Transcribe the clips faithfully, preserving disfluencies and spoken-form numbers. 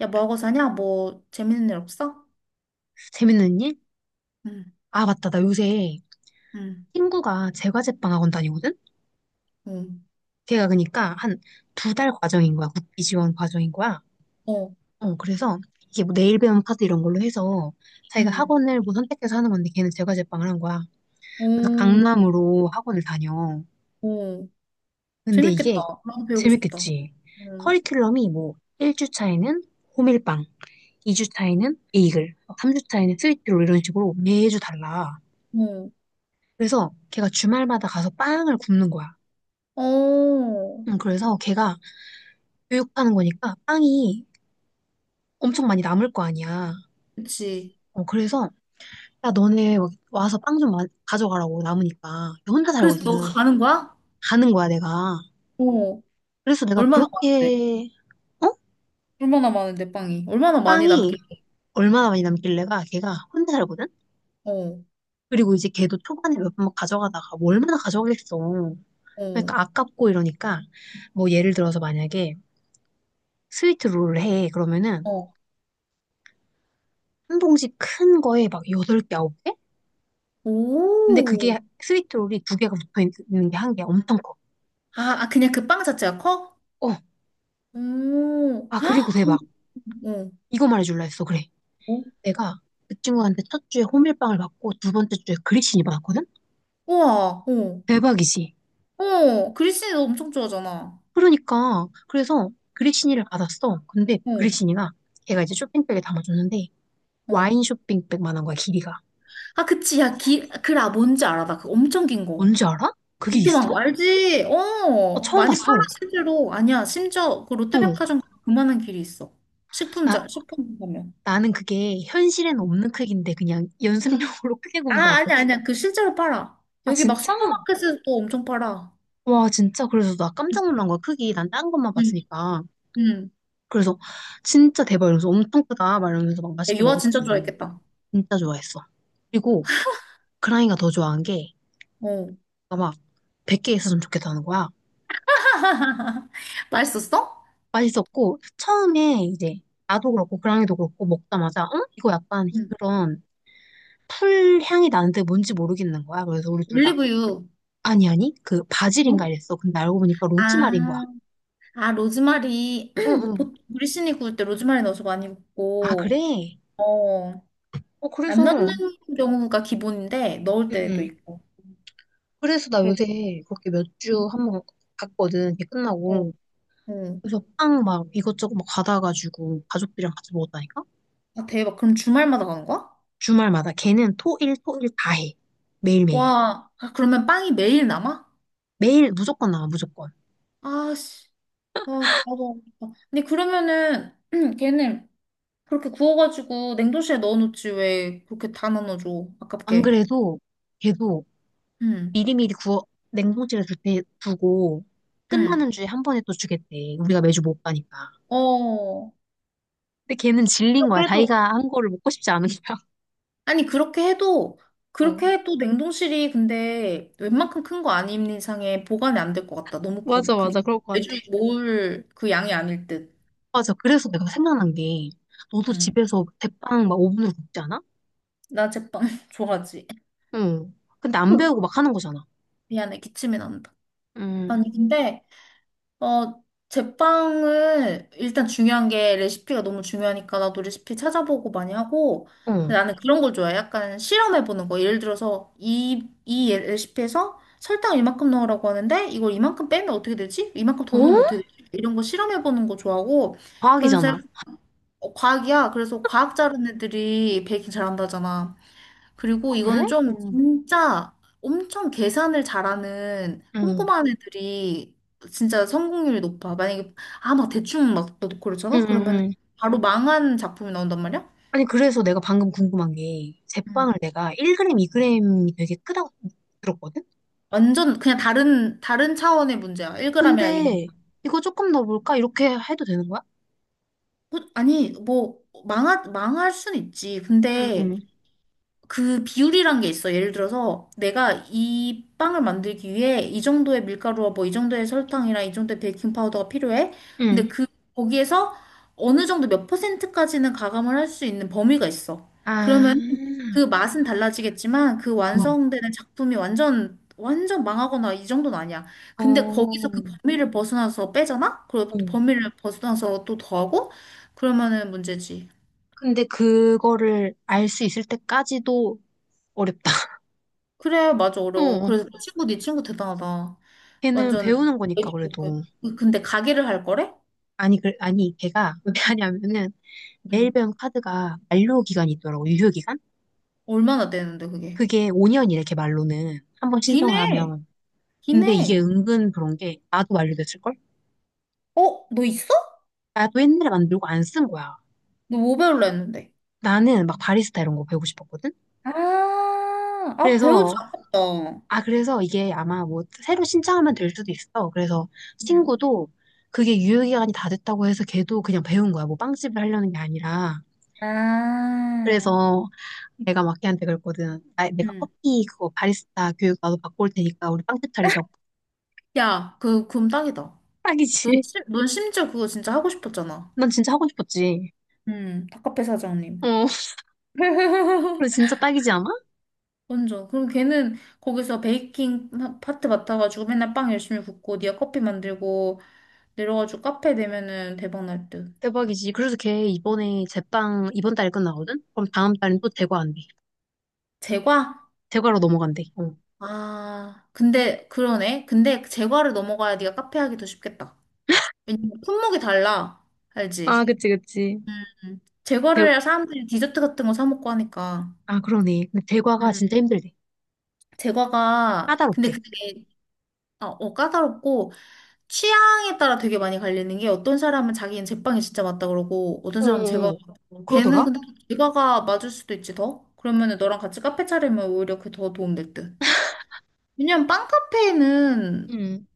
야, 뭐 하고 사냐? 뭐 재밌는 일 없어? 재밌는 일? 응, 아, 맞다. 나 요새 응, 친구가 제과제빵 학원 다니거든? 응. 걔가 그러니까 한 두 달 과정인 거야. 국비 지원 과정인 거야. 어. 어, 그래서 이게 뭐 내일 배움 카드 이런 걸로 해서 자기가 응. 학원을 뭐 선택해서 하는 건데 걔는 제과제빵을 한 거야. 그래서 오, 강남으로 학원을 다녀. 오. 근데 재밌겠다. 이게 나도 배우고 싶다. 재밌겠지. 응. 커리큘럼이 뭐 일 주 차에는 호밀빵, 이 주 차에는 베이글, 삼 주 차에는 스위트롤 이런 식으로 매주 달라. 그래서 걔가 주말마다 가서 빵을 굽는 거야. 어. 어. 음, 그래서 걔가 교육하는 거니까 빵이 엄청 많이 남을 거 아니야. 그치. 어, 그래서 야 너네 와서 빵 좀 가져가라고 남으니까 걔 혼자 그래서 너 살거든. 가는 거야? 가는 거야 내가. 어. 그래서 내가 얼마나 많은데? 그렇게 어? 얼마나 많은데, 빵이? 얼마나 많이 빵이 남길래? 얼마나 많이 남길래가 걔가 혼자 살거든. 어. 그리고 이제 걔도 초반에 몇 번 가져가다가 뭐 얼마나 가져가겠어. 어. 그러니까 아깝고 이러니까 뭐 예를 들어서 만약에 스위트 롤을 해 그러면은 어. 한 봉지 큰 거에 막 여덟 개 아홉 개 근데 그게 오. 스위트롤이 두 개가 붙어 있는 게 한 개 엄청 커. 아, 아, 그냥 그 빵 자체가 커? 어, 오. 아, 그리고 아, 그럼, 대박. 어. 이거 말해줄라 했어. 그래. 어? 내가 그 친구한테 첫 주에 호밀빵을 받고 두 번째 주에 그리시니 받았거든? 우와. 어. 대박이지. 어. 그리스 너 엄청 좋아하잖아. 그러니까, 그래서 그리시니를 받았어. 근데 어, 그리시니가 걔가 이제 쇼핑백에 담아줬는데 어. 와인 쇼핑백만한 거야, 길이가. 아, 그치. 야, 기, 그라, 뭔지 알아. 나그 엄청 긴 거. 뭔지 알아? 그게 비톰 있어? 만거 알지? 나 어, 처음 많이 팔아, 봤어. 실제로. 아니야, 심지어 그 어, 롯데백화점 그만한 길이 있어. 나, 식품자, 식품 가면. 나는 그게 현실에는 없는 크기인데 그냥 연습용으로 크게 구운 아, 줄 아니야, 알았거든? 아니야. 그 실제로 팔아. 아, 여기 막 진짜? 슈퍼마켓에서도 엄청 팔아. 와, 진짜. 그래서 나 응, 깜짝 놀란 거야. 크기. 난 딴 것만 응. 봤으니까. 응. 그래서 진짜 대박 이러면서 엄청 크다. 막 이러면서 막 야, 맛있게 유아 먹었지, 진짜 우리. 좋아했겠다. 진짜 좋아했어. 그리고 그랑이가 더 좋아한 게 어. 아마 백 개 있었으면 좋겠다는 거야. 맛있었어? 맛있었고, 처음에 이제 나도 그렇고 그랑이도 그렇고 먹자마자, 응? 이거 약간 응. 그런 풀 향이 나는데 뭔지 모르겠는 거야. 그래서 우리 둘 다, 올리브유. 아니, 아니, 그 어? 바질인가 이랬어. 근데 알고 보니까 로즈마리인 거야. 아, 아, 로즈마리. 응, 응. 보통 우리 신이 구울 때 로즈마리 넣어서 많이 아, 굽고, 그래? 어, 어, 안 그래서, 넣는 응, 경우가 기본인데 넣을 때도 응. 있고. 그래서 나 그래. 요새 그렇게 몇 주 한 번 갔거든. 이게 어, 끝나고. 어. 그래서 빵 막 이것저것 막 받아가지고 가족들이랑 같이 먹었다니까? 아, 대박. 그럼 주말마다 가는 거야? 주말마다. 걔는 토, 일, 토, 일 다 해. 매일매일. 와, 아, 그러면 빵이 매일 남아? 매일 무조건 나와, 무조건. 아, 씨. 아, 나도. 안 먹겠다. 근데 그러면은 걔는 그렇게 구워가지고 냉동실에 넣어놓지 왜 그렇게 다 나눠줘? 안 아깝게. 그래도 걔도 응, 미리미리 구워, 냉동실에 둘 때 두고 응. 끝나는 주에 한 번에 또 주겠대. 우리가 매주 못 가니까. 어. 근데 걔는 질린 거야. 그래도 자기가 한 거를 먹고 싶지 않은 거야. 아니, 그렇게 해도, 어, 그렇게 해도 냉동실이 근데 웬만큼 큰 거 아닌 이상에 보관이 안 될 것 같다. 너무 커, 맞아, 크니까. 맞아. 그럴 것 같아. 매주 모을 그 양이 아닐 듯. 맞아. 그래서 내가 생각난 게, 너도 응. 집에서 대빵 막 오븐으로 굽지 않아? 나 제빵 좋아하지. 응. 근데 안 배우고 막 하는 거잖아. 미안해, 기침이 난다. 응 아니, 근데 어, 제빵은 일단 중요한 게 레시피가 너무 중요하니까 나도 레시피 찾아보고 많이 하고, 근데 응. 나는 그런 걸 좋아해. 약간 실험해보는 거. 예를 들어서 이, 이 예- 레시피에서 설탕을 이만큼 넣으라고 하는데 이걸 이만큼 빼면 어떻게 되지? 이만큼 더 어? 넣으면 어떻게 되지? 이런 거 실험해보는 거 좋아하고, 그러면서 과학이잖아. 어, 과학이야. 그래서 과학 잘하는 애들이 베이킹 잘한다잖아. 그리고 아, 그래? 이거는 좀 응. 진짜 엄청 계산을 잘하는 응. 꼼꼼한 애들이 진짜 성공률이 높아. 만약에 아 막 대충 막 넣고 응, 그러잖아? 응, 그러면 응. 바로 망한 작품이 나온단 말이야? 아니, 그래서 내가 방금 궁금한 게, 제빵을 음. 내가 일 그램, 이 그램이 되게 크다고 들었거든? 완전 그냥 다른 다른 차원의 문제야. 일 그램이라 이거. 근데, 이거 조금 어 볼까? 이렇게 해도 되는 거야? 어, 아니 뭐 망하, 망할 순 있지. 응, 근데 응. 그 비율이란 게 있어. 예를 들어서 내가 이 빵을 만들기 위해 이 정도의 밀가루와 뭐 이 정도의 설탕이랑 이 정도의 베이킹 파우더가 필요해. 응. 근데 그 거기에서 어느 정도 몇 퍼센트까지는 가감을 할 수 있는 범위가 있어. 그러면 아, 그 맛은 달라지겠지만 그 응. 완성되는 작품이 완전 완전 망하거나 이 정도는 아니야. 어, 근데 거기서 어. 그 범위를 벗어나서 빼잖아? 그리고 또 응. 범위를 벗어나서 또 더하고 그러면은 문제지. 근데 그거를 알 수 있을 때까지도 어렵다. 그래, 맞아, 어, 어려워. 어. 그래서 네 친구, 네 친구 대단하다. 걔는 완전 배우는 거니까 애기 그- 그래도 그- 근데 가게를 할 거래? 아니 그 아니 걔가 왜 하냐면은 내일 응. 배운 카드가 만료 기간이 있더라고 유효 기간 얼마나 되는데 그게? 그게 오 년이래 걔 말로는 한 번 신청을 기네. 하면 근데 이게 기네. 은근 그런 게 나도 만료됐을 걸 어? 너 있어? 나도 옛날에 만들고 안 쓴 거야 너 뭐 배울라 했는데? 나는 막 바리스타 이런 거 배우고 싶었거든 아, 아, 배우지 그래서 않았다. 아 그래서 이게 아마 뭐 새로 신청하면 될 수도 있어 그래서 응. 친구도 그게 유효 기간이 다 됐다고 해서 걔도 그냥 배운 거야 뭐 빵집을 하려는 게 아니라 아, 그래서 내가 마키한테 그랬거든. 나, 내가 응. 커피 그거 바리스타 교육 나도 받고 올 테니까 우리 빵집 차리자고. 야, 그 그럼 딱이다 넌, 딱이지. 심, 넌 심지어 그거 진짜 하고 싶었잖아. 난 진짜 하고 싶었지. 응 닭카페 사장님. 어, 그래 진짜 딱이지 않아? 완전. 그럼 걔는 거기서 베이킹 파- 파트 맡아가지고 맨날 빵 열심히 굽고, 니가 커피 만들고, 내려가지고 카페 내면은 대박 날 듯. 대박이지. 그래서 걔 이번에 제빵 이번 달에 끝나거든? 그럼 다음 달엔 또 대과 한대. 제과? 대과로 넘어간대. 어. 아, 근데 그러네. 근데 제과를 넘어가야 네가 카페 하기 더 쉽겠다. 왜냐면 품목이 달라. 아, 알지? 그치, 그치. 음. 대, 제과를 해야 사람들이 디저트 같은 거 사 먹고 하니까. 아, 그러네. 근데 대과가 음. 진짜 힘들대. 제과가 근데 까다롭대. 그게 어, 어, 까다롭고 취향에 따라 되게 많이 갈리는 게 어떤 사람은 자기는 제빵이 진짜 맞다 그러고 어떤 사람은 제과가 어어어. 맞다고 걔는 그러더라? 근데 또 제과가 맞을 수도 있지 더? 그러면은 너랑 같이 카페 차리면 오히려 그게 더 도움 될 듯. 왜냐면 빵카페에는 응.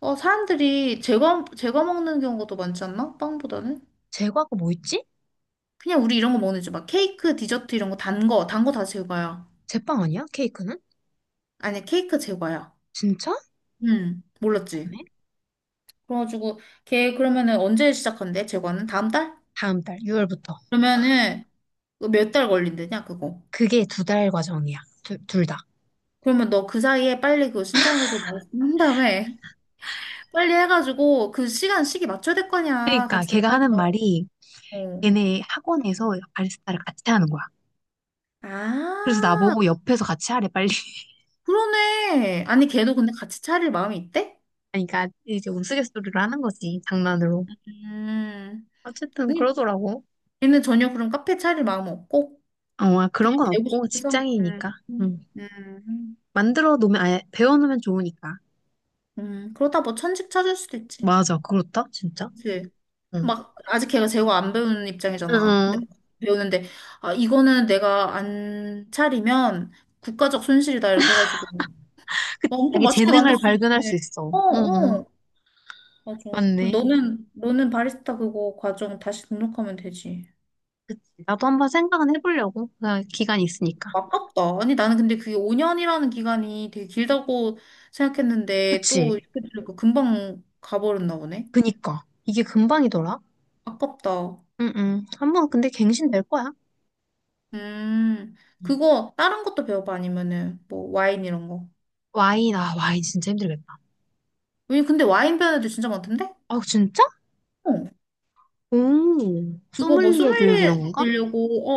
어, 사람들이 제거, 제거 먹는 경우가 더 많지 않나? 빵보다는? 제과가 뭐 있지? 그냥 우리 이런 거 먹는 지막 케이크, 디저트 이런 거 단 거, 단거 다 제과야. 제빵 아니야? 케이크는? 아니, 케이크 제과야. 진짜? 응, 몰랐지? 다음에? 그래가지고 걔 그러면은 언제 시작한대? 제과는? 다음 달? 다음 달, 유월부터. 그러면은 그 몇달 걸린대냐, 그거. 그게 두 달 과정이야. 두, 둘 다. 그러면 너 그 사이에 빨리 그거 신청해가지고 말씀 한 다음에 빨리 해가지고 그 시간, 시기 맞춰야 될 거냐. 그러니까 같이 걔가 하는 달라고. 말이 걔네 학원에서 바리스타를 같이 하는 거야. 그래서 아, 나보고 옆에서 같이 하래 빨리. 그러네. 아니, 걔도 근데 같이 차릴 마음이 있대? 그러니까 이제 우스갯소리를 하는 거지, 장난으로. 음, 어쨌든 아니, 그러더라고. 걔는 전혀 그런 카페 차릴 마음 없고, 어, 그냥 그런 건 배우고 없고 싶어서. 음, 직장이니까. 음, 응. 음, 만들어 놓으면 아예 배워 놓으면 좋으니까. 음, 그러다 뭐 천직 찾을 수도 있지. 맞아, 그렇다. 진짜? 그치? 응. 막, 아직 걔가 제고 안 배우는 응, 입장이잖아. 근데 응. 배우는데, 아, 이거는 내가 안 차리면 국가적 손실이다. 이렇게 해가지고. 그 막 엄청 자기 맛있게 만들 재능을 수 발견할 수 있는데. 있어. 어, 응, 응, 응. 어. 맞아. 그리고 맞네. 너는, 너는 바리스타 그거 과정 다시 등록하면 되지. 나도 한번 생각은 해보려고. 그냥 기간이 있으니까. 아깝다. 아니, 나는 근데 그게 오 년이라는 기간이 되게 길다고 생각했는데, 또 그치? 이렇게 들으니까 금방 가버렸나 보네. 그니까 이게 금방이더라. 아깝다. 응응. 한번 근데 갱신될 거야. 음, 응. 그거, 다른 것도 배워봐? 아니면은, 뭐, 와인 이런 거. 와인, 아, 와인 진짜 힘들겠다. 왜, 근데 와인 배우는 애들 진짜 많던데? 아 진짜? 어. 오, 그거 뭐 소믈리에 교육 소믈리에 이런 건가? 되려고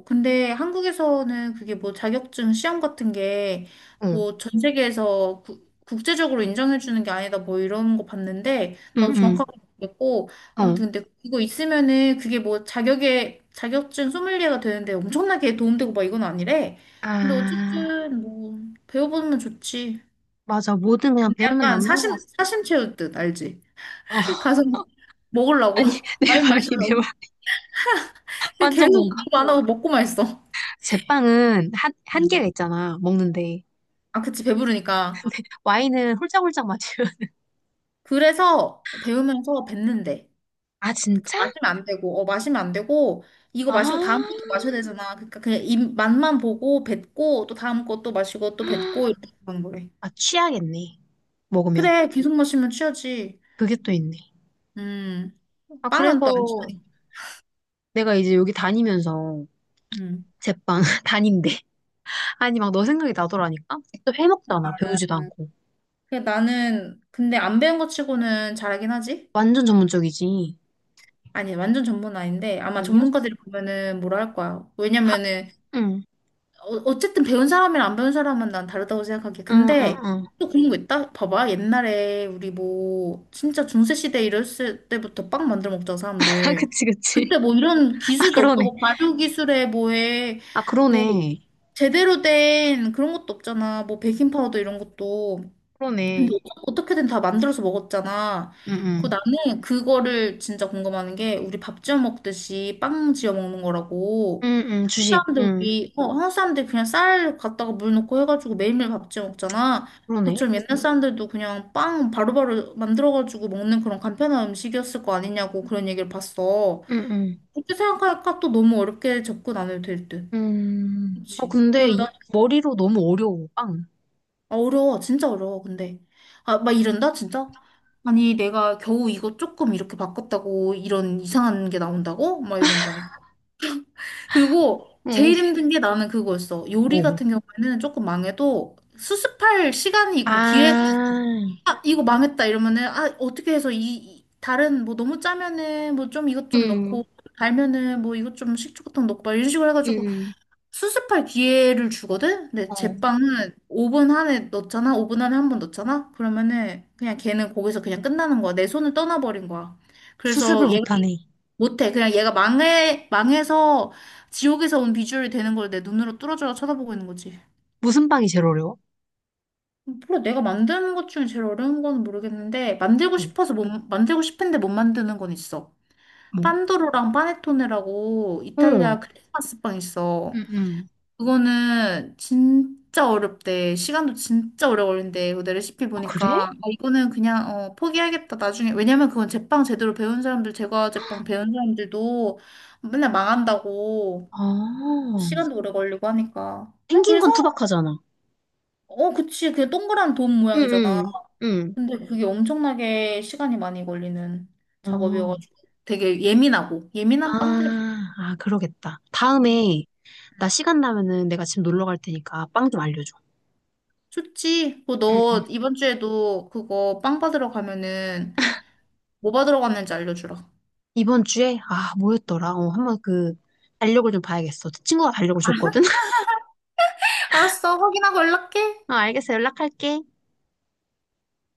어 근데 한국에서는 그게 뭐 자격증 시험 같은 게 응, 뭐 전 세계에서 구- 국제적으로 인정해 주는 게 아니다 뭐 이런 거 봤는데 나도 응응. 정확하게 모르겠고 어. 아무튼 근데 이거 있으면은 그게 뭐 자격에 자격증 소믈리에가 되는데 엄청나게 도움되고 막 이건 아니래 근데 아 어쨌든 뭐 배워보면 좋지 맞아. 뭐든 그냥 근데 배우면 약간 남는 거야 사심 사심 채울 듯 알지 어. 가서 먹으려고 아니, 내 와인 말이, 내 말. 마시려고 근데 완전 계속 공감. 공부 안 하고 먹고만 있어 제빵은 한, 음. 한계가 있잖아. 먹는데. 아, 그치, 배부르니까. 와인은 홀짝홀짝 마시면. 그래서 배우면서 뱉는데. 아, 그 진짜? 마시면 안 되고, 어, 마시면 안 되고, 이거 아, 마시고 다음 것도 마셔야 되잖아. 그러니까 그냥 입 맛만 보고 뱉고, 또 다음 것도 마시고, 또 뱉고, 이렇게 하는 거래. 아 취하겠네. 먹으면 그래, 계속 마시면 취하지. 그게 또 있네. 음, 아 빵은 또 안 그래서 취하니까. 내가 이제 여기 다니면서 음. 제빵 다닌데 아니 막 너 생각이 나더라니까 또 해먹잖아 배우지도 음, 않고 그 나는, 근데 안 배운 것 치고는 잘하긴 하지? 완전 전문적이지 아니, 완전 전문은 아닌데, 아마 아니야? 전문가들이 보면은 뭐라 할 거야. 하, 왜냐면은, 응, 어, 어쨌든 배운 사람이랑 안 배운 사람은 난 다르다고 생각하기에. 응, 응, 근데 응. 또 그런 거 있다? 봐봐. 옛날에 우리 뭐 진짜 중세시대 이랬을 때부터 빵 만들어 먹자, 아, 사람들. 그치, 그치. 그때 뭐 이런 아, 기술도 없고, 그러네. 뭐 발효 기술에 뭐에, 아, 뭐 그러네. 제대로 된 그런 것도 없잖아. 뭐 베이킹 파우더 이런 것도. 근데 그러네. 어쩌- 어떻게든 다 만들어서 먹었잖아. 응, 그 응. 나는 그거를 진짜 궁금한 게 우리 밥 지어 먹듯이 빵 지어 먹는 거라고. 응, 응, 한국 주식. 사람들 응, 우리 어 한국 사람들 그냥 쌀 갖다가 물 넣고 해가지고 매일매일 밥 지어 먹잖아. 그러네. 그처럼 옛날 사람들도 그냥 빵 바로바로 만들어가지고 먹는 그런 간편한 음식이었을 거 아니냐고 그런 얘기를 봤어. 응, 응. 그렇게 생각하니까 또 너무 어렵게 접근 안 해도 될 듯. 음, 어, 그렇지. 근데 이, 머리로 너무 어려워, 빵. 아, 어려워, 진짜 어려워, 근데. 아, 막 이런다, 진짜? 아니, 내가 겨우 이거 조금 이렇게 바꿨다고 이런 이상한 게 나온다고? 막 이런다니까. 그리고 응. 제일 힘든 게 나는 그거였어. 요리 뭐. 같은 경우에는 조금 망해도 수습할 시간이 있고 기회가, 아, 아, 이거 망했다 이러면은, 아, 어떻게 해서 이, 이- 다른, 뭐 너무 짜면은 뭐 좀 이것 좀 응. 넣고, 달면은 뭐 이것 좀 식초부터 넣고, 막 이런 식으로 응. 해가지고 응. 수습할 기회를 주거든? 근데 어, 제빵은 오 분 안에 넣잖아? 오 분 안에 한 번 넣잖아? 그러면은 그냥 걔는 거기서 그냥 끝나는 거야. 내 손을 떠나버린 거야. 그래서 수습을 얘가 못하네. 못해. 그냥 얘가 망해, 망해서 지옥에서 온 비주얼이 되는 걸 내 눈으로 뚫어져라 쳐다보고 있는 거지. 무슨 빵이 제일 어려워? 몰라, 내가 만드는 것 중에 제일 어려운 건 모르겠는데, 만들고 응. 싶어서 못, 만들고 싶은데 못 만드는 건 있어. 뭐. 판도로랑 파네토네라고 이탈리아 응. 크리스마스 빵 있어. 응, 응. 그거는 진짜 어렵대. 시간도 진짜 오래 걸린대. 그내 레시피 아, 그래? 보니까. 아, 이거는 그냥, 어, 포기하겠다, 나중에. 왜냐면 그건 제빵 제대로 배운 사람들, 제과 제빵 배운 사람들도 맨날 망한다고. 아, 시간도 오래 걸리고 하니까. 네, 생긴 그래서, 건 투박하잖아. 어, 그치. 그게 동그란 돔 응, 모양이잖아. 응, 응. 근데 그게 엄청나게 시간이 많이 걸리는 어, 작업이어가지고. 되게 예민하고, 아, 예민한 빵들이 아, 그러겠다. 많거든. 다음에, 나 시간 나면은 내가 집 놀러 갈 테니까 빵 좀 알려줘. 좋지. 응. 응. 그너 이번 주에도 그거 빵 받으러 가면은 뭐 받으러 갔는지 알려주라. 이번 주에, 아, 뭐였더라? 어, 한번 그, 달력을 좀 봐야겠어. 친구가 달력을 줬거든? 알았어, 확인하고 어, 연락해. 알겠어. 연락할게.